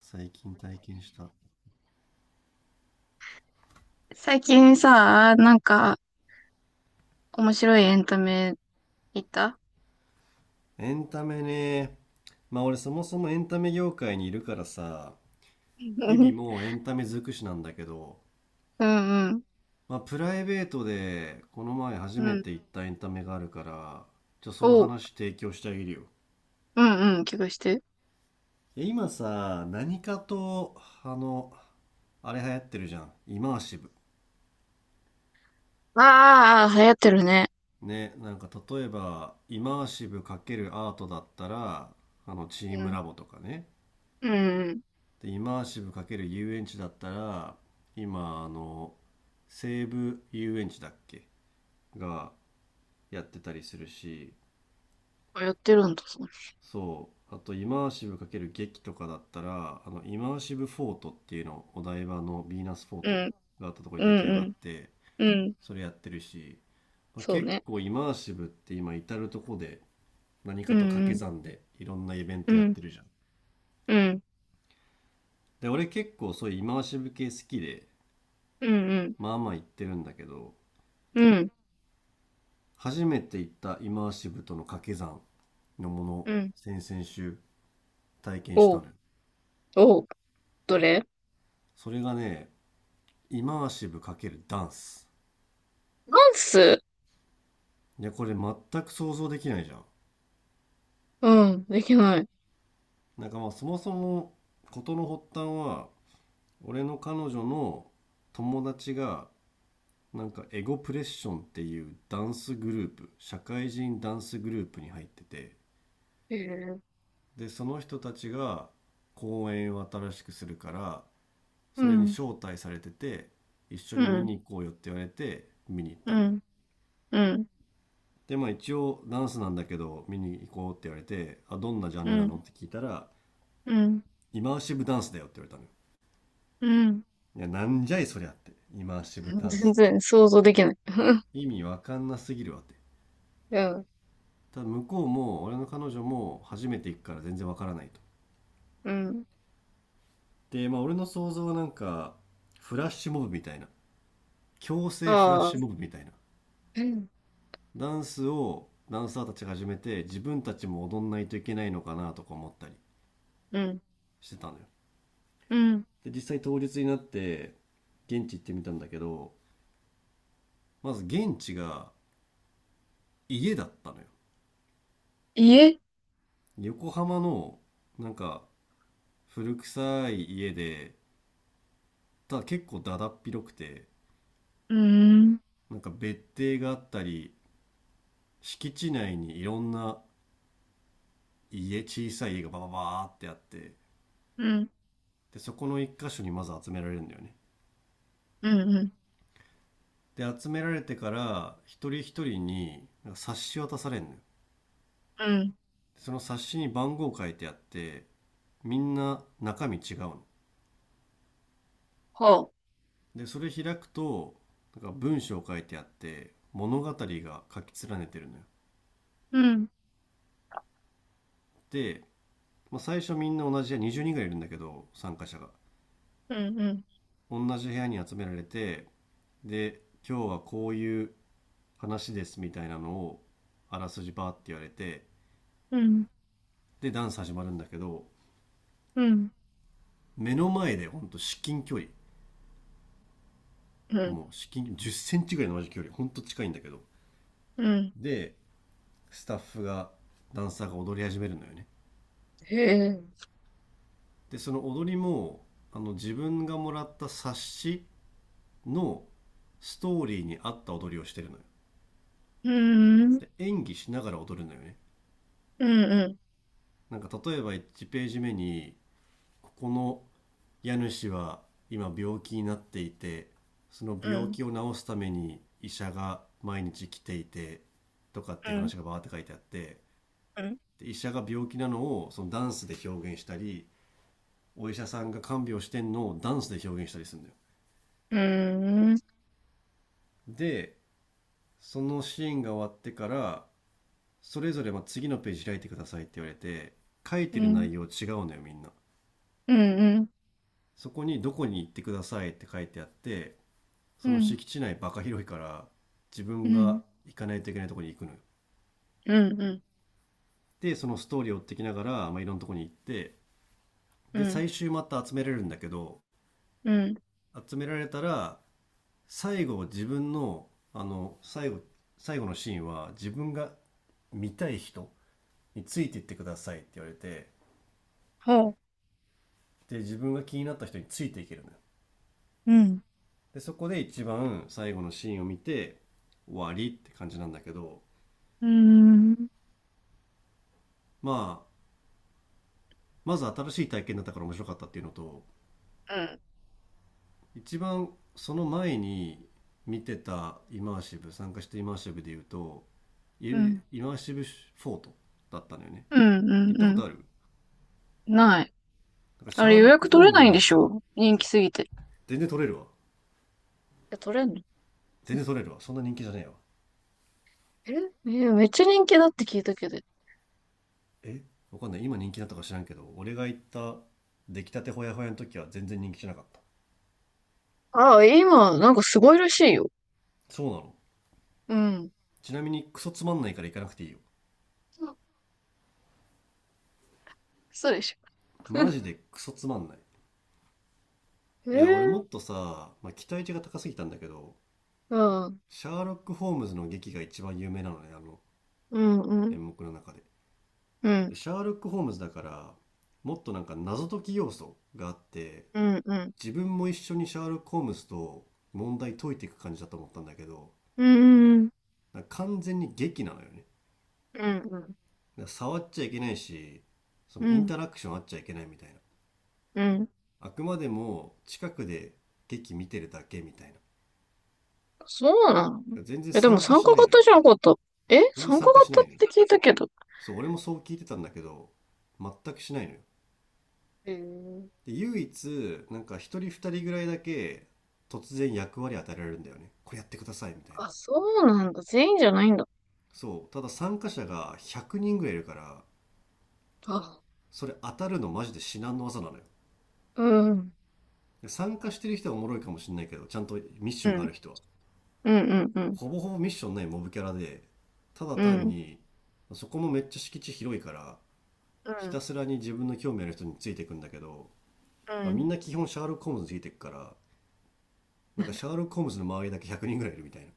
最近体験した最近さ、なんか、面白いエンタメ行った。 エンタメね。まあ俺そもそもエンタメ業界にいるからさ、 日う々んもうエンタメ尽くしなんだけど、うん。まあプライベートでこの前初うめん。て行ったエンタメがあるから、じゃあそのおう。話提供してあげるよ。うんうん。聞かして。え今さ何かと、あの、あれ流行ってるじゃん、イマーシブ。ああ、流行ってるね。ね、なんか例えばイマーシブ×アートだったら、あのチーうムん。ラボとかね。うんうん。でイマーシブ×遊園地だったら今あの西武遊園地だっけがやってたりするし、流行ってるんだ、そう。そうあとイマーシブ×劇とかだったらあのイマーシブフォートっていうのお台場のヴィーナスフォーうトん。があったところうで出ん来上うがっん。てうん。それやってるし、まあ、そう結ね。構イマーシブって今至るとこで何うかんと掛うけん。算でいろんなイベンうトやっん。てるじゃん。うん。で俺結構そういうイマーシブ系好きで、うんうん。まあまあ行ってるんだけど、うん。初めて行ったイマーシブとの掛け算のものうん。先々週体験したおのう。よ。おう。どれ？それがね、イマーシブ×ダンス。ダンス。いやこれ全く想像できないじゃん。うん。できない。なんかまあそもそも事の発端は、俺の彼女の友達が、なんかエゴプレッションっていうダンスグループ、社会人ダンスグループに入ってて、へえ。でその人たちが公演を新しくするから、うそれにん。招待されてて、一緒うに見ん。に行こうよって言われて見に行っうたのよ。ん。うん。でまあ一応ダンスなんだけど見に行こうって言われて、あどんなジャうンルなん。のって聞いたら、うん。イマーシブダンスだよって言われたのよ。うん。いやなんじゃいそりゃって、イマーシブ ダン全スって然想像できない。意味わかんなすぎるわって。うん。ただ向こうも俺の彼女も初めて行くから全然わからないと。うん。でまあ俺の想像はなんかフラッシュモブみたいな、強制フラッあシュあ。モブみたいなうん。ダンスをダンサーたちが始めて自分たちも踊んないといけないのかなとか思ったりうん。してたのよ。うん。で実際当日になって現地行ってみたんだけど、まず現地が家だったのよ。家？横浜のなんか古臭い家で、ただ結構だだっ広くて、うーん。なんか別邸があったり、敷地内にいろんな家、小さい家がバババーってあって、うん。でそこの一箇所にまず集められるんだよね。うん。うん。で集められてから一人一人になんか冊子渡されんのよ。うん。その冊子に番号書いてあって、みんな中身違うの。はあ。でそれ開くと、なんか文章書いてあって、物語が書き連ねてるのよ。うん。で、まあ、最初みんな同じ部屋20人ぐらいいるんだけど参加者が、うん。うん。同じ部屋に集められて、で今日はこういう話ですみたいなのを、あらすじバーって言われて、うん。でダンス始まるんだけど、うん。目の前でほんと至近距離、うん。もう至近10ンチぐらいの同じ距離ほんと近いんだけど、うん。でスタッフが、ダンサーが踊り始めるのよね。へえ。でその踊りも、あの自分がもらった冊子のストーリーに合った踊りをしてるのよ。うーん。で演技しながら踊るのよね。うん。うん。なんか例えば1ページ目に、ここの家主は今病気になっていて、そのう病ん。気を治すために医者が毎日来ていて、とかっうていうん。話がバーって書いてあって、うん。で医者が病気なのをそのダンスで表現したり、お医者さんが看病してんのをダンスで表現したりするんだよ。うん。でそのシーンが終わってから、それぞれまあ次のページ開いてくださいって言われて、書いうてるん。内容違うのよみんな。うん。そこに「どこに行ってください」って書いてあって、うそん。うのん。敷地内バカ広いから自う分ん。が行かないといけないとこに行くのよ。うん。でそのストーリーを追ってきながら、まあ、いろんなとこに行って、うでん。最終また集められるんだけど、うん。集められたら最後自分の、あの最後最後のシーンは自分が見たい人についていってくださいって言われて、はあ。で自分が気になった人についていけるのよ。うん。でそこで一番最後のシーンを見て終わりって感じなんだけど、うーん。まあまず新しい体験だったから面白かったっていうのと、うん。一番その前に見てたイマーシブ、参加してイマーシブで言うとうイん。イマーシブフォートだったのよね。うん。う行っん。うたこん。とある？ない。なんかシあャれー予ロック・約ホ取ーれムなズいんのでやしつが。ょ、人気すぎて。全然取れるわ。え、取れんの？全然取れるわ、そんな人気じゃねえわ。え、えーめっちゃ人気だって聞いたけど。え、わかんない今人気だったか知らんけど、俺が行った出来たてほやほやの時は全然人気じゃなかった。ああ、今、なんかすごいらしいよ。そうなの。うん。ちなみにクソつまんないから行かなくていいよ、そうでしマょ。ジでクソつまんない。いや俺 もっええ。とさ、まあ、期待値が高すぎたんだけど、ああ、シャーロック・ホームズの劇が一番有名なのね、あのうん、うん、演目の中で、うん、でシャーロック・ホームズだからもっとなんか謎解き要素があってうん、うん、うん、自分も一緒にシャーロック・ホームズと問題解いていく感じだと思ったんだけど、うん、だから完全に劇なのよね。だかうん、ら触っちゃいけないし、そうのインん。タラクションあっちゃいけないみたいな。うん。あくまでも近くで劇見てるだけみたいな。そうなの？全然え、でも参加参し加ないの型よ。じゃなかった？え、全然参加参加し型なっいのよ。て聞いたけど。そう、俺もそう聞いてたんだけど、全くしないのよ。ええ。で、唯一、なんか一人二人ぐらいだけ突然役割与えられるんだよね。これやってくださいみたいな。あ、そうなんだ。全員じゃないんだ。そう、ただ参加者が100人ぐらいいるから、あ、それ当たるのマジで至難の技なのよ。うん、うん、参加してる人はおもろいかもしれないけど、ちゃんとミッシうョンがあん、る人はうん、うん、ほぼほぼミッションないモブキャラで、ただう単ん、に、そこもめっちゃ敷地広いから、うひたん、すらに自分の興味ある人についていくんだけど、うみん。んな基本シャーロック・ホームズについていくから、なんかシャー ロック・ホームズの周りだけ100人ぐらいいるみたいな。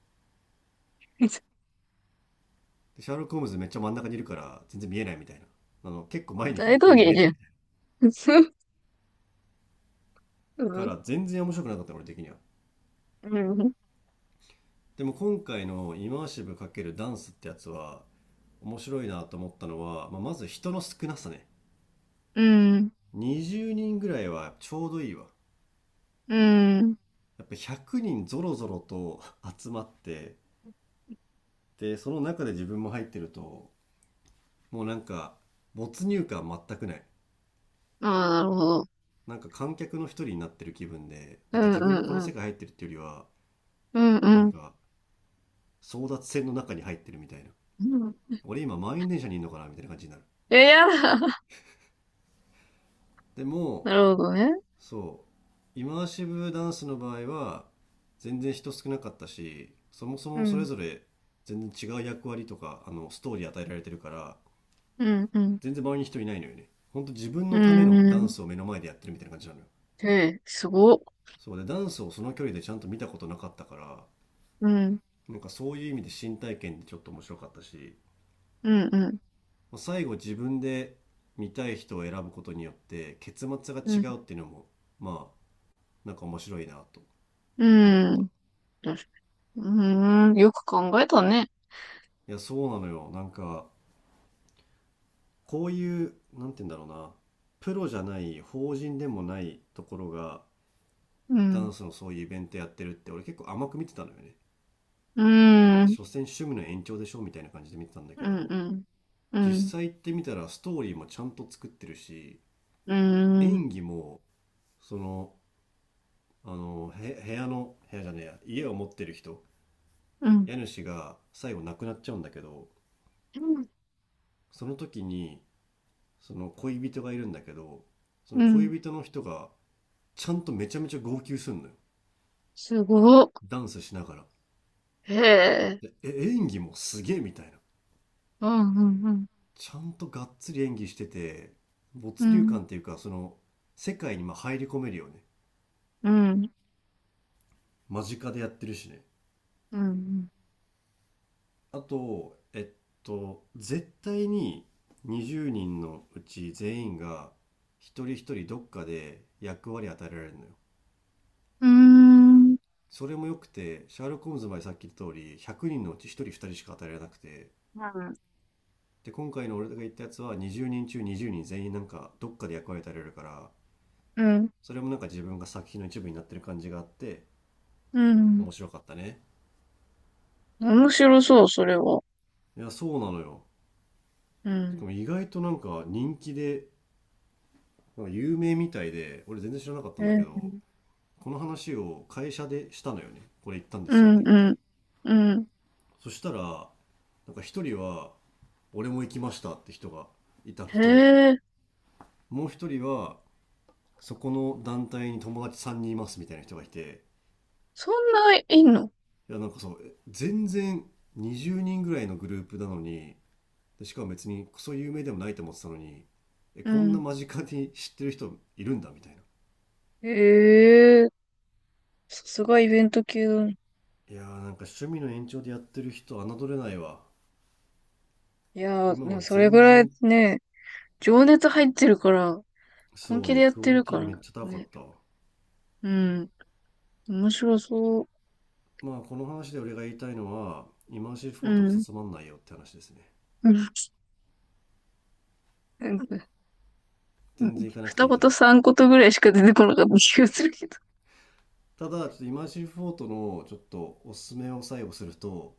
でシャーロック・ホームズめっちゃ真ん中にいるから全然見えないみたいな、あの結構前に行かな大いと道全然見芸えじないゃみん。たい うなかん。ら全然面白くなかったの俺的には。うん。でも今回のイマーシブ×ダンスってやつは面白いなと思ったのは、まあ、まず人の少なさね。うん。20人ぐらいはちょうどいいわ。うん。やっぱ100人ぞろぞろと集まって、で、その中で自分も入ってると、もうなんか、没入感全くない。ああ、なるほど。なんか観客の一人になってる気分で、なうんかん自う分もこのんうん。世界入ってるっていうよりは、うんなうんん。か争奪戦の中に入ってるみたいな。うん。俺今満員電車にいるのかなみたいな感じになる。え、やだ。で も、なるほどね。そうイマーシブダンスの場合は全然人少なかったし、そもそうもそれん。ぞれ全然違う役割とかあのストーリー与えられてるから、うんうん。全然周りに人いないのよね。ほんと自分うのためのダん。ンスを目の前でやってるみたいな感じなのよ。へえ、すごっ。そうで、ダンスをその距離でちゃんと見たことなかったから、うん。なんかそういう意味で新体験でちょっと面白かったし、うんうん。まあ最後自分で見たい人を選ぶことによって結末がうん。違うっていうのも、まあなんか面白いなとう思った。ん。よし。うーん。よく考えたね。いやそうなのよ、なんかこういうなんて言うんだろうな、プロじゃない法人でもないところがうダん。ンスのそういうイベントやってるって、俺結構甘く見てたのよね。うなんかん。所詮趣味の延長でしょみたいな感じで見てたんだうけんど、うん。う実ん。際行ってみたらストーリーもちゃんと作ってるし、うん。演技も、その、あのへ部屋の部屋じゃねえや、家を持ってる人、うん。家主が最後亡くなっちゃうんだけど、その時にその恋人がいるんだけど、そのうん。恋人の人がちゃんとめちゃめちゃ号泣すんのよ、すごっ。ダンスしながら。へえ。でえ、演技もすげえみたいな。うん、うん、ちゃんとがっつり演技してて、う没入ん、感っていうか、その、世界にまあ入り込めるよね。うん、間近でやってるしね。うん、うん、あと、絶対に20人のうち全員が一人一人どっかで役割与えられるのよ。うん、うーん、それも良くて、シャーロック・ホームズまでさっき言った通り、100人のうち1人2人しか与えられなくて、で、今回の俺が言ったやつは20人中20人全員なんかどっかで役割与えられるから、うん、それもなんか自分が作品の一部になってる感じがあって、うん。面白かったね。面白そう、それは。いや、そうなのよ。うしかん。も意外となんか人気で、なんか有名みたいで、俺全然知らなかったんだえ、けど、この話を会社でしたのよね。これ行ったんでうすよね、ん、みたいうな。ん、うん。そしたら、なんか一人は、俺も行きましたって人がいたのへと、え、もう一人は、そこの団体に友達3人いますみたいな人がいて、そんないいの？いや、なんかそう、全然20人ぐらいのグループなのに、でしかも別にクソ有名でもないと思ってたのに、うこんなん。間近に知ってる人いるんだみたいな。へえ、さすがイベント系だね。いやーなんか趣味の延長でやってる人侮れないわ。いやー、今でもはそれ全ぐらい然。ね、情熱入ってるから、本そう気でね、やっクオてるリテかィらめっちゃ高かね。ったわ。うん。面白そう。まあこの話で俺が言いたいのはイマーシブフうォートクソん。つまんないよって話ですね。うん。 うん。全然行かなくて二いいと言思う。三言ぐらいしか出てこなかった気がするけど。ただちょっとイマーシブフォートのちょっとおすすめを最後すると、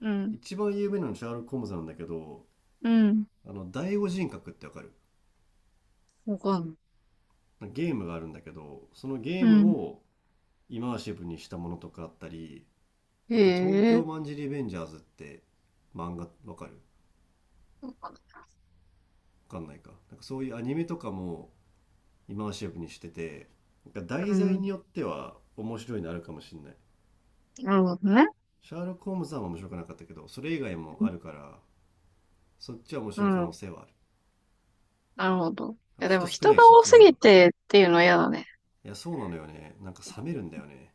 うん。一番有名なのはシャーロック・ホームズなんだけど、うん。あの第五人格ってわかる？わかんない。ゲームがあるんだけど、そのゲうームん。をイマーシブにしたものとかあったり、へあと「東え。京マンジリベンジャーズ」って漫画わかる？わかんない。わかんないか、なんかそういうアニメとかもイマーシブにしてて、なんか題う材ん。によっては面白いのあるかもしんない。なるほどね。シャーロック・ホームズは面白くなかったけど、それ以外もあうるから、そっちは面白い可ん。う能ん。性はある。なるほど。いあや、とでも人少人ないがしそっ多ちのす方ぎが。てっていうのは嫌だね。いやそうなのよね、なんかう冷めるんだよね。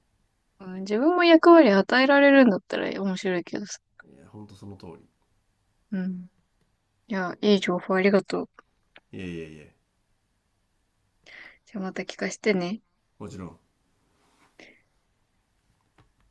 ん。うん、自分も役割与えられるんだったら面白いけどさ。いやほんとその通うん。いや、いい情報ありがとう。り、いやいやいや、じゃあまた聞かせてね。もちろん。